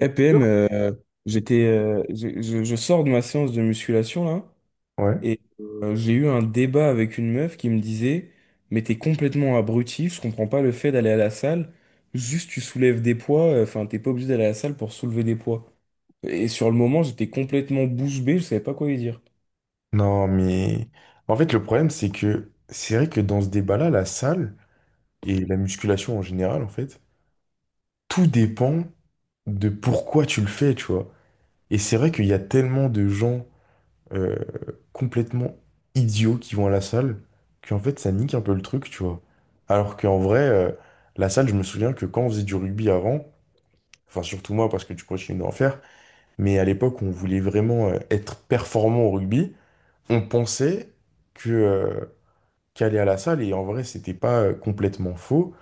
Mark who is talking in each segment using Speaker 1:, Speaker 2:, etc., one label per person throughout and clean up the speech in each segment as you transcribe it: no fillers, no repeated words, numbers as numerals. Speaker 1: EPM, j'étais, je sors de ma séance de musculation là,
Speaker 2: Ouais.
Speaker 1: et j'ai eu un débat avec une meuf qui me disait, mais t'es complètement abruti, je comprends pas le fait d'aller à la salle, juste tu soulèves des poids, enfin t'es pas obligé d'aller à la salle pour soulever des poids. Et sur le moment, j'étais complètement bouche bée, je savais pas quoi lui dire.
Speaker 2: Non, mais en fait, le problème, c'est que c'est vrai que dans ce débat-là, la salle et la musculation en général, en fait, tout dépend de pourquoi tu le fais, tu vois. Et c'est vrai qu'il y a tellement de gens euh, complètement idiots qui vont à la salle qu'en fait, ça nique un peu le truc, tu vois. Alors qu'en vrai, la salle, je me souviens que quand on faisait du rugby avant, enfin, surtout moi, parce que tu continues d'en faire, mais à l'époque, on voulait vraiment être performant au rugby, on pensait que. Qui allait à la salle et en vrai c'était pas complètement faux.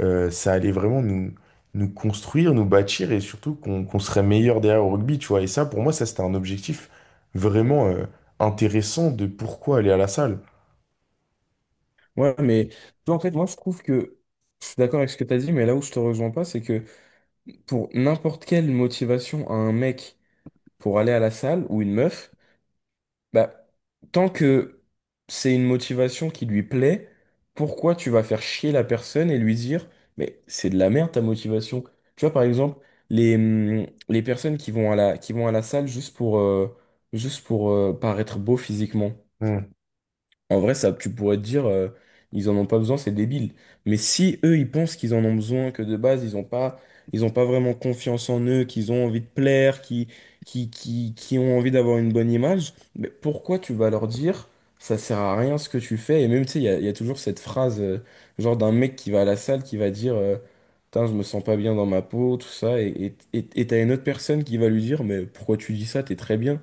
Speaker 2: Ça allait vraiment nous construire, nous bâtir, et surtout qu'on serait meilleur derrière au rugby, tu vois, et ça pour moi ça c'était un objectif vraiment intéressant de pourquoi aller à la salle.
Speaker 1: Ouais, mais tu vois, en fait, moi je trouve que je suis d'accord avec ce que t'as dit, mais là où je te rejoins pas, c'est que pour n'importe quelle motivation à un mec pour aller à la salle ou une meuf. Bah, tant que c'est une motivation qui lui plaît, pourquoi tu vas faire chier la personne et lui dire, mais c'est de la merde ta motivation. Tu vois, par exemple, les personnes qui vont à la salle juste pour, paraître beau physiquement.
Speaker 2: Hmm,
Speaker 1: En vrai, ça, tu pourrais te dire, ils en ont pas besoin, c'est débile. Mais si eux, ils pensent qu'ils en ont besoin, que de base, ils ont pas vraiment confiance en eux, qu'ils ont envie de plaire, qui ont envie d'avoir une bonne image, mais pourquoi tu vas leur dire, ça sert à rien ce que tu fais? Et même, tu sais, il y a toujours cette phrase, genre d'un mec qui va à la salle, qui va dire, putain, je me sens pas bien dans ma peau, tout ça, et t'as une autre personne qui va lui dire, mais pourquoi tu dis ça? T'es très bien.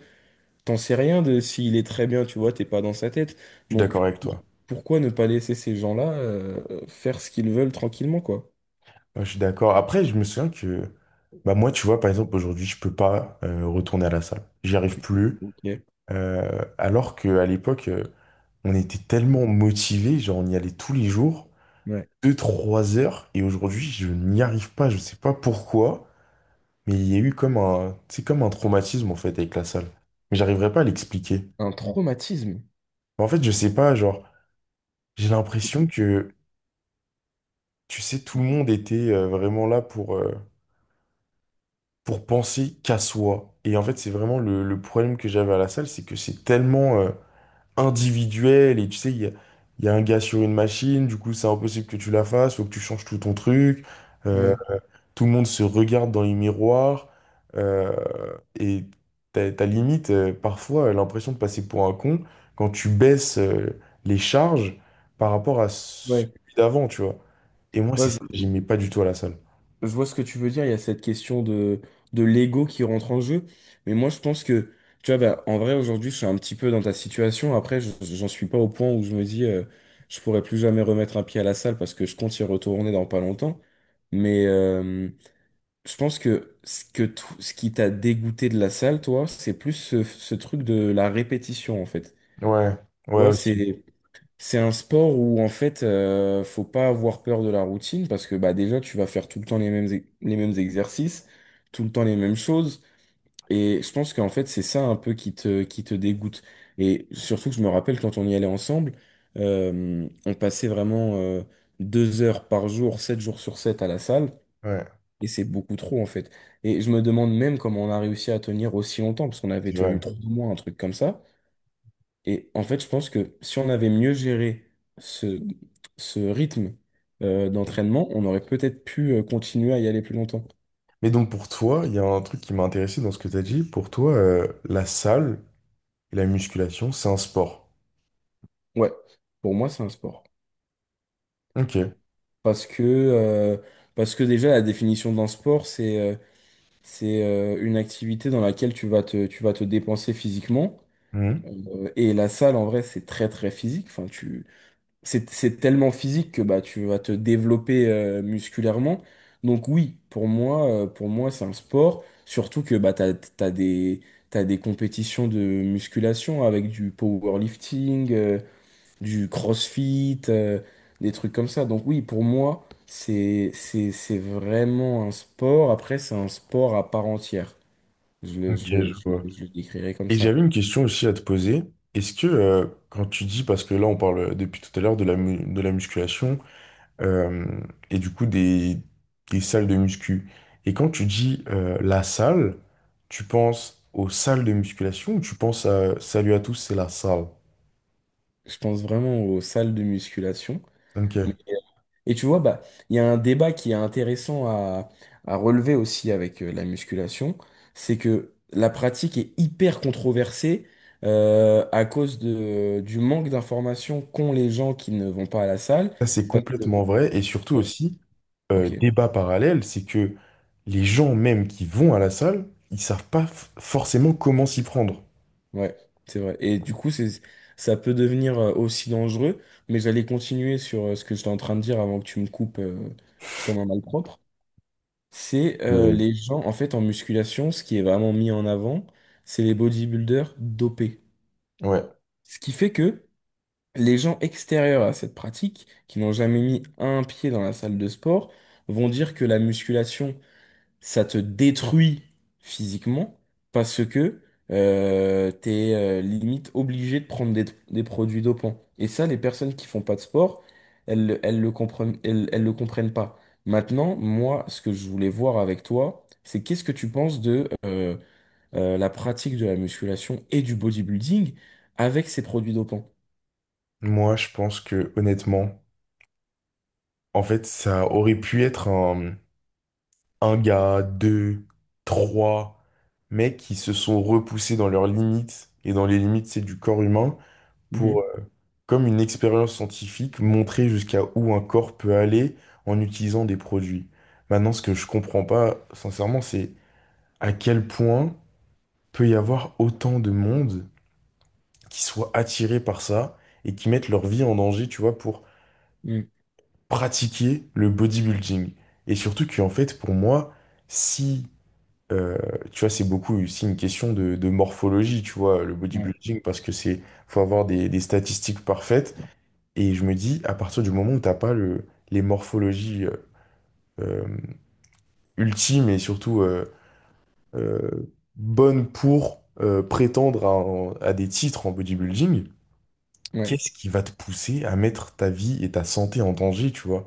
Speaker 1: T'en sais rien de s'il est très bien, tu vois, t'es pas dans sa tête.
Speaker 2: je suis d'accord
Speaker 1: Donc,
Speaker 2: avec
Speaker 1: pour-
Speaker 2: toi.
Speaker 1: pourquoi ne pas laisser ces gens-là faire ce qu'ils veulent tranquillement, quoi?
Speaker 2: Ouais, je suis d'accord. Après je me souviens que bah moi tu vois par exemple aujourd'hui je peux pas retourner à la salle, j'y arrive plus.
Speaker 1: Ok.
Speaker 2: Alors qu'à l'époque on était tellement motivés, genre on y allait tous les jours
Speaker 1: Ouais.
Speaker 2: deux trois heures, et aujourd'hui je n'y arrive pas, je sais pas pourquoi, mais il y a eu comme un, c'est comme un traumatisme en fait avec la salle. Mais j'arriverai pas à l'expliquer.
Speaker 1: Un traumatisme.
Speaker 2: En fait, je sais pas, genre, j'ai l'impression que, tu sais, tout le monde était vraiment là pour penser qu'à soi. Et en fait, c'est vraiment le problème que j'avais à la salle, c'est que c'est tellement individuel, et tu sais, il y a un gars sur une machine, du coup, c'est impossible que tu la fasses, faut que tu changes tout ton truc. Euh,
Speaker 1: Ouais.
Speaker 2: Tout le monde se regarde dans les miroirs euh, et t'as limite parfois l'impression de passer pour un con quand tu baisses les charges par rapport à
Speaker 1: Ouais.
Speaker 2: celui d'avant, tu vois. Et moi, c'est
Speaker 1: Ouais,
Speaker 2: ça, que j'aimais pas du tout à la salle.
Speaker 1: je vois ce que tu veux dire. Il y a cette question de l'ego qui rentre en jeu. Mais moi, je pense que, tu vois, bah, en vrai, aujourd'hui, je suis un petit peu dans ta situation. Après, j'en suis pas au point où je me dis, je pourrais plus jamais remettre un pied à la salle parce que je compte y retourner dans pas longtemps. Mais, je pense que ce qui t'a dégoûté de la salle, toi, c'est plus ce, ce truc de la répétition, en fait.
Speaker 2: Ouais,
Speaker 1: Tu
Speaker 2: ouais
Speaker 1: vois,
Speaker 2: aussi.
Speaker 1: c'est un sport où en fait, faut pas avoir peur de la routine parce que bah déjà, tu vas faire tout le temps les mêmes exercices, tout le temps les mêmes choses. Et je pense qu'en fait, c'est ça un peu qui te dégoûte. Et surtout que je me rappelle quand on y allait ensemble, on passait vraiment deux heures par jour, sept jours sur sept à la salle.
Speaker 2: Ouais,
Speaker 1: Et c'est beaucoup trop, en fait. Et je me demande même comment on a réussi à tenir aussi longtemps, parce qu'on avait
Speaker 2: c'est
Speaker 1: tenu
Speaker 2: vrai.
Speaker 1: trois mois, un truc comme ça. Et en fait, je pense que si on avait mieux géré ce, ce rythme d'entraînement, on aurait peut-être pu continuer à y aller plus longtemps.
Speaker 2: Mais donc pour toi, il y a un truc qui m'a intéressé dans ce que tu as dit. Pour toi, la salle et la musculation, c'est un sport.
Speaker 1: Ouais, pour moi, c'est un sport.
Speaker 2: Ok.
Speaker 1: Parce que, euh, parce que déjà, la définition d'un sport, c'est une activité dans laquelle tu vas te dépenser physiquement.
Speaker 2: Mhm.
Speaker 1: Et la salle, en vrai, c'est très, très physique. Enfin, tu c'est tellement physique que bah, tu vas te développer musculairement. Donc oui, pour moi, c'est un sport. Surtout que bah, t'as des compétitions de musculation avec du powerlifting, du crossfit, des trucs comme ça. Donc oui, pour moi, c'est vraiment un sport. Après, c'est un sport à part entière.
Speaker 2: Ok, je vois.
Speaker 1: Je le décrirais comme
Speaker 2: Et
Speaker 1: ça.
Speaker 2: j'avais une question aussi à te poser. Est-ce que quand tu dis, parce que là on parle depuis tout à l'heure de de la musculation euh, et du coup des salles de muscu, et quand tu dis la salle, tu penses aux salles de musculation ou tu penses à Salut à tous, c'est la salle?
Speaker 1: Je pense vraiment aux salles de musculation. Mais,
Speaker 2: Ok.
Speaker 1: et tu vois, bah, il y a un débat qui est intéressant à relever aussi avec la musculation, c'est que la pratique est hyper controversée à cause de, du manque d'informations qu'ont les gens qui ne vont pas à la salle.
Speaker 2: Ça c'est
Speaker 1: Parce que,
Speaker 2: complètement vrai, et surtout
Speaker 1: ouais,
Speaker 2: aussi,
Speaker 1: ok,
Speaker 2: débat parallèle, c'est que les gens même qui vont à la salle, ils savent pas forcément comment s'y prendre.
Speaker 1: ouais, c'est vrai. Et du coup, c'est, ça peut devenir aussi dangereux, mais j'allais continuer sur ce que j'étais en train de dire avant que tu me coupes comme un malpropre. C'est
Speaker 2: Euh,
Speaker 1: les gens, en fait, en musculation, ce qui est vraiment mis en avant, c'est les bodybuilders dopés.
Speaker 2: ouais.
Speaker 1: Ce qui fait que les gens extérieurs à cette pratique, qui n'ont jamais mis un pied dans la salle de sport, vont dire que la musculation, ça te détruit physiquement parce que t'es limite obligé de prendre des produits dopants. Et ça, les personnes qui font pas de sport, elles le comprennent, elles le comprennent pas. Maintenant, moi, ce que je voulais voir avec toi, c'est qu'est-ce que tu penses de la pratique de la musculation et du bodybuilding avec ces produits dopants?
Speaker 2: Moi, je pense que honnêtement, en fait, ça aurait pu être un gars, deux, trois mecs qui se sont repoussés dans leurs limites, et dans les limites, c'est du corps humain pour,
Speaker 1: Mhm.
Speaker 2: comme une expérience scientifique, montrer jusqu'à où un corps peut aller en utilisant des produits. Maintenant, ce que je comprends pas, sincèrement, c'est à quel point peut y avoir autant de monde qui soit attiré par ça et qui mettent leur vie en danger, tu vois, pour
Speaker 1: Mhm.
Speaker 2: pratiquer le bodybuilding. Et surtout qu'en fait, pour moi, si, euh, tu vois, c'est beaucoup aussi une question de morphologie, tu vois, le
Speaker 1: Ouais.
Speaker 2: bodybuilding, parce que c'est, faut avoir des statistiques parfaites. Et je me dis, à partir du moment où t'as pas les morphologies euh, ultimes et surtout bonnes pour prétendre à, à des titres en bodybuilding,
Speaker 1: Ouais.
Speaker 2: qu'est-ce qui va te pousser à mettre ta vie et ta santé en danger, tu vois?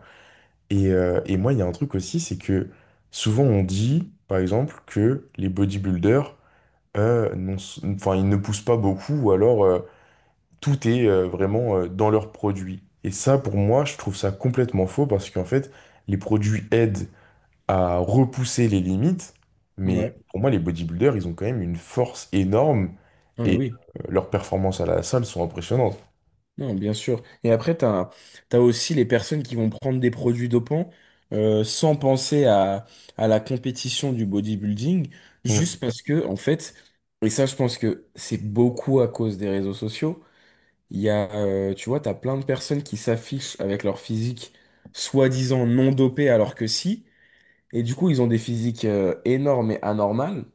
Speaker 2: Et moi, il y a un truc aussi, c'est que souvent on dit, par exemple, que les bodybuilders, euh, n'ont- enfin, ils ne poussent pas beaucoup, ou alors tout est vraiment dans leurs produits. Et ça, pour moi, je trouve ça complètement faux, parce qu'en fait, les produits aident à repousser les limites, mais
Speaker 1: Ouais.
Speaker 2: pour moi, les bodybuilders, ils ont quand même une force énorme,
Speaker 1: Ah, mais
Speaker 2: et
Speaker 1: oui.
Speaker 2: leurs performances à la salle sont impressionnantes.
Speaker 1: Non, bien sûr. Et après, aussi les personnes qui vont prendre des produits dopants sans penser à la compétition du bodybuilding,
Speaker 2: Mm.
Speaker 1: juste parce que, en fait, et ça, je pense que c'est beaucoup à cause des réseaux sociaux. Tu vois, tu as plein de personnes qui s'affichent avec leur physique soi-disant non dopée alors que si. Et du coup, ils ont des physiques énormes et anormales.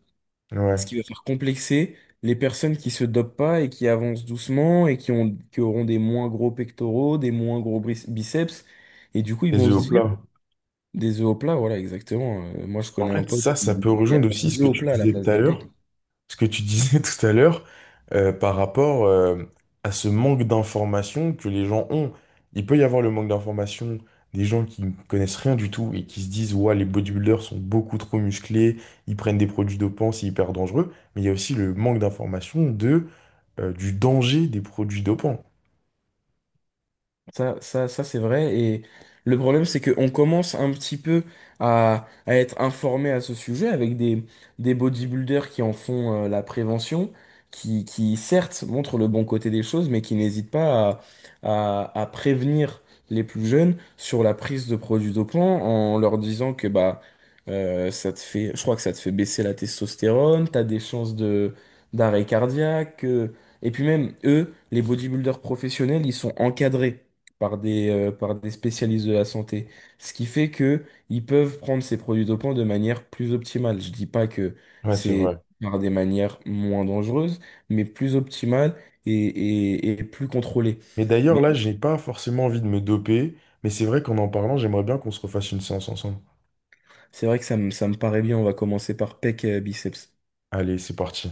Speaker 1: Ce
Speaker 2: Ouais.
Speaker 1: qui va faire complexer les personnes qui se dopent pas et qui avancent doucement qui auront des moins gros pectoraux, des moins gros bris- biceps. Et du coup, ils
Speaker 2: Les
Speaker 1: vont
Speaker 2: œufs au
Speaker 1: se dire
Speaker 2: plat.
Speaker 1: des œufs au plat, voilà, exactement. Moi, je
Speaker 2: En
Speaker 1: connais un
Speaker 2: fait,
Speaker 1: pote
Speaker 2: ça peut
Speaker 1: qui a
Speaker 2: rejoindre aussi
Speaker 1: des
Speaker 2: ce que
Speaker 1: œufs au
Speaker 2: tu
Speaker 1: plat à la
Speaker 2: disais
Speaker 1: place
Speaker 2: tout à
Speaker 1: des
Speaker 2: l'heure,
Speaker 1: pecs.
Speaker 2: ce que tu disais tout à l'heure, par rapport à ce manque d'information que les gens ont. Il peut y avoir le manque d'information des gens qui ne connaissent rien du tout et qui se disent, ouais, les bodybuilders sont beaucoup trop musclés, ils prennent des produits dopants, c'est hyper dangereux. Mais il y a aussi le manque d'information de, du danger des produits dopants.
Speaker 1: Ça c'est vrai. Et le problème, c'est qu'on commence un petit peu à être informé à ce sujet avec des bodybuilders qui en font la prévention, qui certes montrent le bon côté des choses, mais qui n'hésitent pas à prévenir les plus jeunes sur la prise de produits dopants en leur disant que bah ça te fait, je crois que ça te fait baisser la testostérone, t'as des chances de d'arrêt cardiaque. Et puis même eux, les bodybuilders professionnels, ils sont encadrés par des spécialistes de la santé. Ce qui fait que ils peuvent prendre ces produits dopants de manière plus optimale. Je dis pas que
Speaker 2: Ouais, c'est
Speaker 1: c'est
Speaker 2: vrai.
Speaker 1: par des manières moins dangereuses, mais plus optimales et plus contrôlées.
Speaker 2: Mais d'ailleurs,
Speaker 1: Mais
Speaker 2: là, j'ai pas forcément envie de me doper, mais c'est vrai qu'en en parlant, j'aimerais bien qu'on se refasse une séance ensemble.
Speaker 1: c'est vrai que ça me paraît bien. On va commencer par pec biceps.
Speaker 2: Allez, c'est parti.